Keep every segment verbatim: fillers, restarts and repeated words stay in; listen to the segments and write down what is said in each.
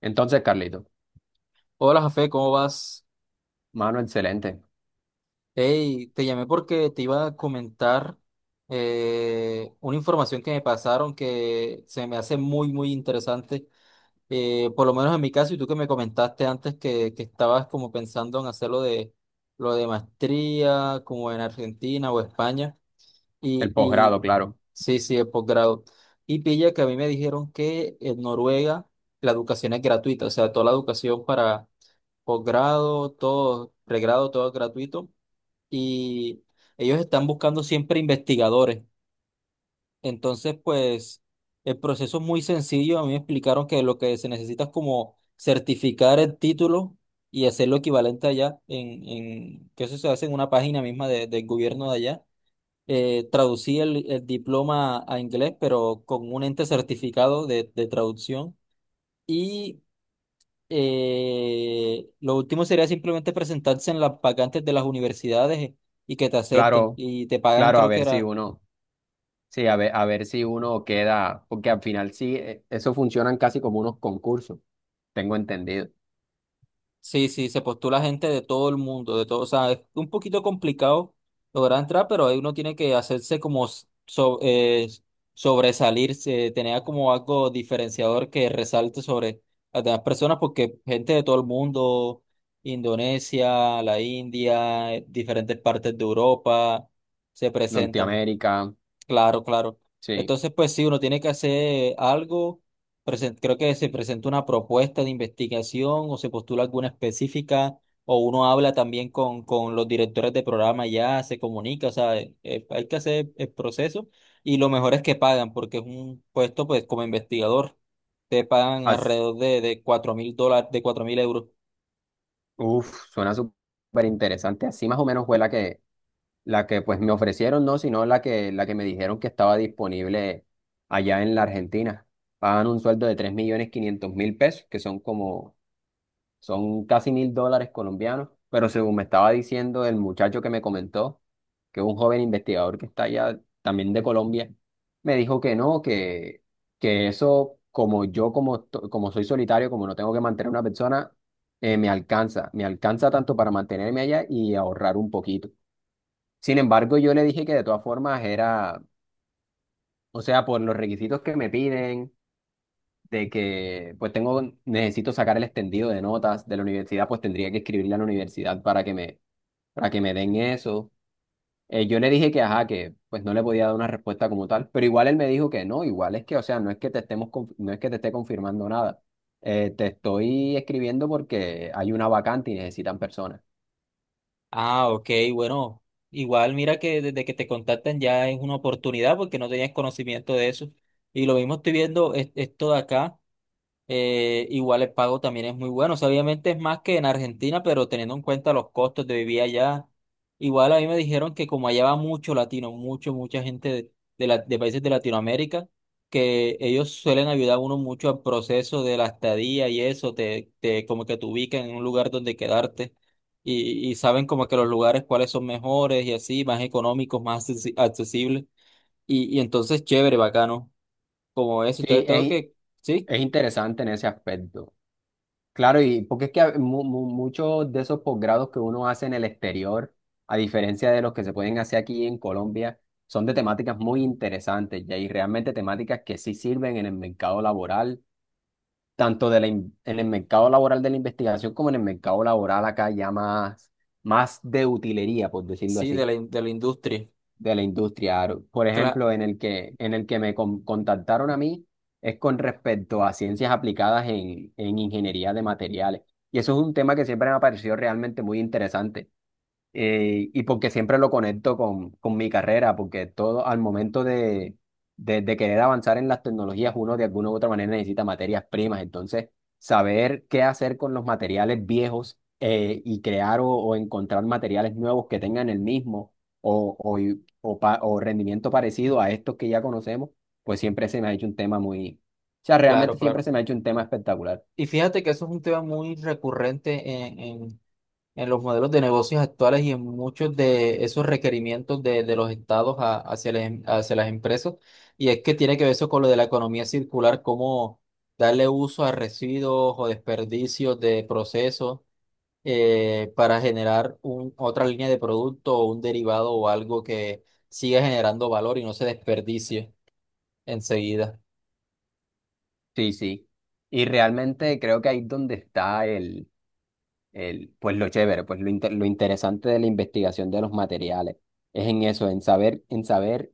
Entonces, Carlito, Hola, Jafé, ¿cómo vas? mano, excelente. Hey, te llamé porque te iba a comentar eh, una información que me pasaron que se me hace muy, muy interesante, eh, por lo menos en mi caso, y tú que me comentaste antes que, que estabas como pensando en hacer lo de, lo de maestría, como en Argentina o España, y, El y posgrado, claro. sí, sí, el posgrado. Y pilla que a mí me dijeron que en Noruega la educación es gratuita, o sea, toda la educación para posgrado, todo, pregrado, todo es gratuito. Y ellos están buscando siempre investigadores. Entonces, pues, el proceso es muy sencillo. A mí me explicaron que lo que se necesita es como certificar el título y hacerlo equivalente allá, en, en, que eso se hace en una página misma de- del gobierno de allá. Eh, traducí el, el diploma a inglés, pero con un ente certificado de de traducción. Y eh, lo último sería simplemente presentarse en las vacantes de las universidades y que te acepten. Claro, Y te pagan, claro, a creo que ver si era. uno, sí, a ver, a ver si uno queda, porque al final sí, eh, eso funcionan casi como unos concursos, tengo entendido. Sí, sí, se postula gente de todo el mundo, de todo. O sea, es un poquito complicado lograr entrar, pero ahí uno tiene que hacerse como s- so- eh, sobresalirse, tener como algo diferenciador que resalte sobre las demás personas, porque gente de todo el mundo, Indonesia, la India, eh, diferentes partes de Europa, se presentan. Norteamérica, Claro, claro. sí. Entonces, pues sí, uno tiene que hacer algo. Presen- creo que se presenta una propuesta de investigación o se postula alguna específica o uno habla también con, con los directores de programa ya, se comunica, o sea, eh, eh, hay que hacer el proceso y lo mejor es que pagan porque es un puesto, pues como investigador, te pagan As- alrededor de, de cuatro mil dólares, de cuatro mil euros. Uf, suena súper interesante. Así más o menos fue la que, la que pues me ofrecieron, no, sino la que, la que me dijeron que estaba disponible allá en la Argentina. Pagan un sueldo de tres millones quinientos mil pesos, que son como son casi mil dólares colombianos, pero según me estaba diciendo el muchacho que me comentó, que es un joven investigador que está allá también de Colombia, me dijo que no, que, que eso, como yo, como, to- como soy solitario, como no tengo que mantener a una persona, eh, me alcanza, me alcanza tanto para mantenerme allá y ahorrar un poquito. Sin embargo, yo le dije que de todas formas era, o sea, por los requisitos que me piden de que pues tengo, necesito sacar el extendido de notas de la universidad, pues tendría que escribirle a la universidad para que me, para que me den eso. Eh, yo le dije que, ajá, que pues no le podía dar una respuesta como tal, pero igual él me dijo que no, igual es que, o sea, no es que te estemos, conf- no es que te esté confirmando nada. Eh, te estoy escribiendo porque hay una vacante y necesitan personas. Ah, ok, bueno, igual mira que desde que te contactan ya es una oportunidad porque no tenías conocimiento de eso. Y lo mismo estoy viendo es- esto de acá eh, igual el pago también es muy bueno. O sea, obviamente es más que en Argentina, pero teniendo en cuenta los costos de vivir allá, igual a mí me dijeron que como allá va mucho latino, mucho, mucha gente de, de la- de países de Latinoamérica, que ellos suelen ayudar a uno mucho al proceso de la estadía y eso, te, te como que te ubican en un lugar donde quedarte. Y, y saben como que los lugares cuáles son mejores y así, más económicos, más accesi- accesibles. Y, y entonces chévere, bacano, como eso. Sí, Entonces tengo es, que, sí, es interesante en ese aspecto. Claro, y porque es que a- mu- mu- muchos de esos posgrados que uno hace en el exterior, a diferencia de los que se pueden hacer aquí en Colombia, son de temáticas muy interesantes, ya, y realmente temáticas que sí sirven en el mercado laboral, tanto de la in- en el mercado laboral de la investigación como en el mercado laboral acá ya más, más de utilería, por decirlo Sí, de así la, in- de la industria. de la industria. Aro. Por Cla- ejemplo, en el que, en el que me con- contactaron a mí es con respecto a ciencias aplicadas en, en ingeniería de materiales. Y eso es un tema que siempre me ha parecido realmente muy interesante. Eh, y porque siempre lo conecto con, con mi carrera, porque todo al momento de, de, de querer avanzar en las tecnologías, uno de alguna u otra manera necesita materias primas. Entonces, saber qué hacer con los materiales viejos, eh, y crear o, o encontrar materiales nuevos que tengan el mismo o, o, y- o, pa- o rendimiento parecido a estos que ya conocemos, pues siempre se me ha hecho un tema muy... O sea, realmente claro, siempre claro. se me ha hecho un tema espectacular. Y fíjate que eso es un tema muy recurrente en, en- en los modelos de negocios actuales y en muchos de esos requerimientos de, de los estados a- hacia las, em- hacia las empresas. Y es que tiene que ver eso con lo de la economía circular, cómo darle uso a residuos o desperdicios de procesos eh, para generar un, otra línea de producto o un derivado o algo que siga generando valor y no se desperdicie enseguida. Sí, sí. Y realmente creo que ahí es donde está el- pues lo chévere, pues lo, inte- lo interesante de la investigación de los materiales es en eso, en saber, en saber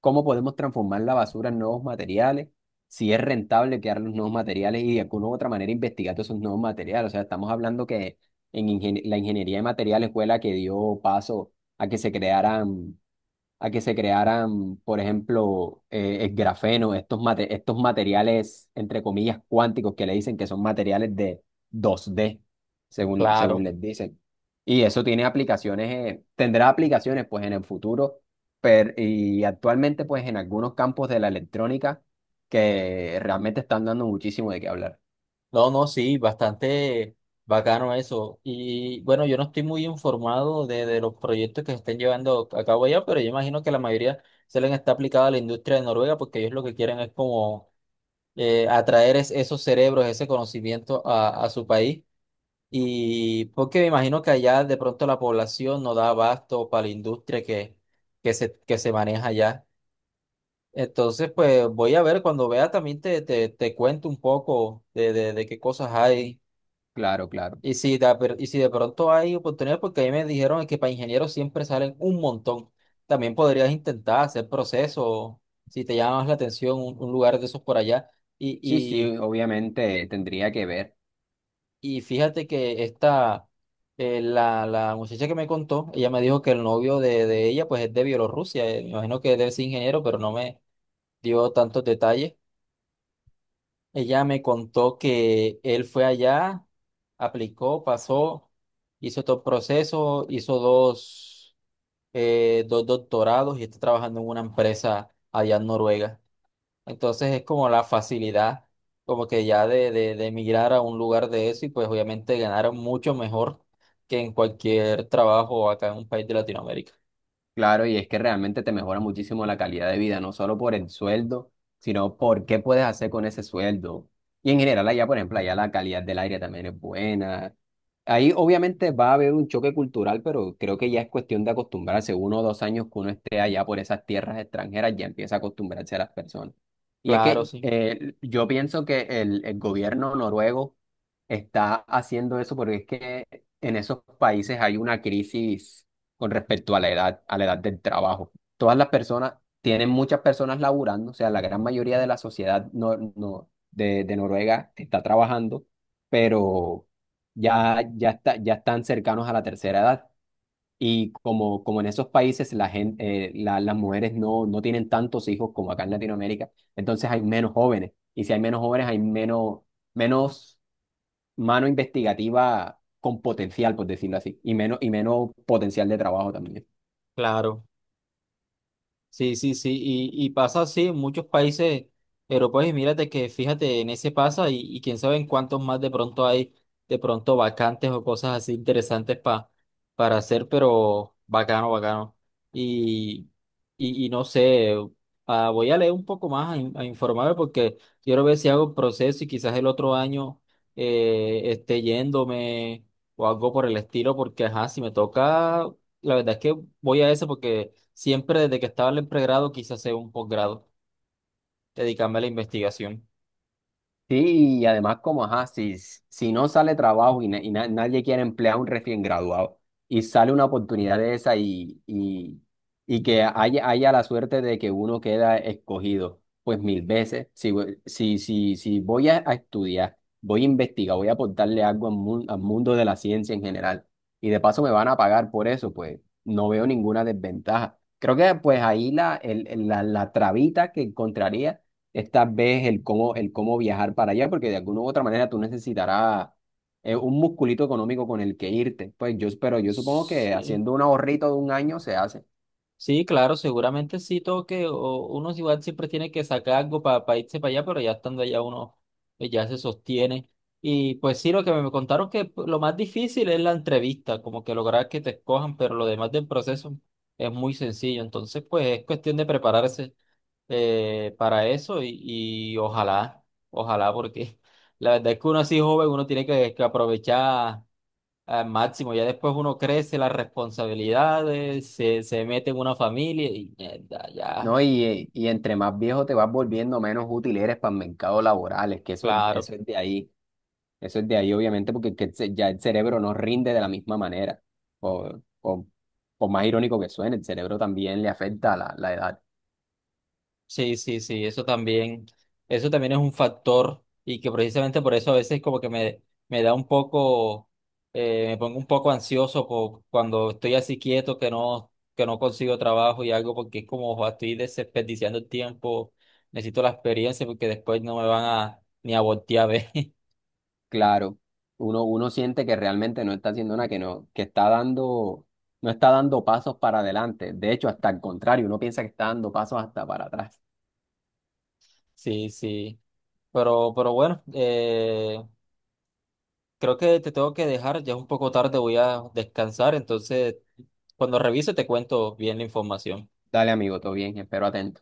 cómo podemos transformar la basura en nuevos materiales, si es rentable crear los nuevos materiales y de alguna u otra manera investigar todos esos nuevos materiales. O sea, estamos hablando que en ingen- la ingeniería de materiales fue la que dio paso a que se crearan, a que se crearan, por ejemplo, eh, el grafeno, estos, mate- estos materiales, entre comillas, cuánticos que le dicen que son materiales de dos d, según, según Claro. les dicen. Y eso tiene aplicaciones, eh, tendrá aplicaciones pues en el futuro, pero, y actualmente pues en algunos campos de la electrónica que realmente están dando muchísimo de qué hablar. No, no, sí, bastante bacano eso. Y bueno, yo no estoy muy informado de, de los proyectos que se estén llevando a cabo allá, pero yo imagino que la mayoría se les está aplicada a la industria de Noruega porque ellos lo que quieren es como eh, atraer es- esos cerebros, ese conocimiento a, a su país. Y porque me imagino que allá de pronto la población no da abasto para la industria que, que se, que se maneja allá. Entonces, pues voy a ver, cuando vea también te, te, te cuento un poco de, de de qué cosas hay. Claro, claro. Y si de, per- y si de pronto hay oportunidades, porque ahí me dijeron que para ingenieros siempre salen un montón. También podrías intentar hacer procesos si te llama más la atención un, un lugar de esos por allá. Sí, Y, sí, obviamente tendría que ver. y, y fíjate que esta, eh, la, la muchacha que me contó, ella me dijo que el novio de, de ella pues es de Bielorrusia. eh, Me imagino que debe ser ingeniero, pero no me dio tantos detalles. Ella me contó que él fue allá, aplicó, pasó, hizo todo el proceso, hizo dos, eh, dos doctorados y está trabajando en una empresa allá en Noruega. Entonces es como la facilidad, como que ya de, de, de emigrar a un lugar de eso y pues obviamente ganar mucho mejor que en cualquier trabajo acá en un país de Latinoamérica. Claro, y es que realmente te mejora muchísimo la calidad de vida, no solo por el sueldo, sino por qué puedes hacer con ese sueldo. Y en general allá, por ejemplo, allá la calidad del aire también es buena. Ahí obviamente va a haber un choque cultural, pero creo que ya es cuestión de acostumbrarse. Uno o dos años que uno esté allá por esas tierras extranjeras, ya empieza a acostumbrarse a las personas. Y es Claro, que sí, eh, yo pienso que el, el gobierno noruego está haciendo eso porque es que en esos países hay una crisis con respecto a la edad, a la edad del trabajo. Todas las personas, tienen muchas personas laburando, o sea, la gran mayoría de la sociedad no, no, de, de Noruega está trabajando, pero ya, ya, está, ya están cercanos a la tercera edad. Y como, como en esos países la gen- eh, la- las mujeres no, no tienen tantos hijos como acá en Latinoamérica, entonces hay menos jóvenes. Y si hay menos jóvenes, hay menos, menos mano investigativa con potencial, por decirlo así, y menos, y menos potencial de trabajo también. claro. Sí, sí, sí, y, y pasa así en muchos países europeos y mírate que fíjate en ese pasa y, y quién sabe en cuántos más de pronto hay de pronto vacantes o cosas así interesantes pa- para hacer, pero bacano, bacano. Y, y, y no sé, ah, voy a leer un poco más a, in- a informarme porque quiero ver si hago el proceso y quizás el otro año eh, esté yéndome o algo por el estilo porque, ajá, si me toca... La verdad es que voy a eso porque siempre desde que estaba en el pregrado quise hacer un posgrado, dedicarme a la investigación. Sí, y además como, ajá, si, si no sale trabajo y, na- y na- nadie quiere emplear a un recién graduado y sale una oportunidad de esa y, y, y que haya, haya la suerte de que uno queda escogido, pues mil veces, si, voy- si, si, si voy a, a estudiar, voy a investigar, voy a aportarle algo al, mun- al mundo de la ciencia en general y de paso me van a pagar por eso, pues no veo ninguna desventaja. Creo que pues ahí la, el, el- la, la trabita que encontraría esta vez el cómo, el cómo viajar para allá, porque de alguna u otra manera tú necesitarás, eh, un musculito económico con el que irte. Pues yo, pero yo supongo que Sí, haciendo un ahorrito de un año se hace, sí, claro, seguramente sí toque, o uno igual siempre tiene que sacar algo para irse para allá, pero ya estando allá uno eh, ya se sostiene. Y pues sí, lo que me contaron que p- lo más difícil es la entrevista, como que lograr que te escojan, pero lo demás del proceso es muy sencillo, entonces pues es cuestión de prepararse. Eh, para eso y, y ojalá, ojalá, porque la verdad es que uno así joven, uno tiene que, que aprovechar al máximo, ya después uno crece las responsabilidades, se, se mete en una familia y mierda, ya, ¿no? Y, eh, y entre más viejo te vas volviendo, menos útil eres para el mercado laboral, es que eso es, claro. eso es de ahí, eso es de ahí obviamente, porque es que se- ya el cerebro no rinde de la misma manera, o, o, por más irónico que suene, el cerebro también le afecta a la, la edad. Sí, sí, sí, eso también, eso también es un factor y que precisamente por eso a veces como que me, me da un poco, eh, me pongo un poco ansioso po- cuando estoy así quieto que no, que no consigo trabajo y algo porque es como, "Joa, estoy desperdiciando el tiempo, necesito la experiencia porque después no me van a ni a voltear a ver. Claro, uno, uno siente que realmente no está haciendo nada, que no, que está dando, no está dando pasos para adelante. De hecho, hasta el contrario, uno piensa que está dando pasos hasta para atrás. Sí, sí. Pero, pero bueno, eh, creo que te tengo que dejar, ya es un poco tarde, voy a descansar, entonces cuando revise te cuento bien la información. Dale, amigo, todo bien, espero atento.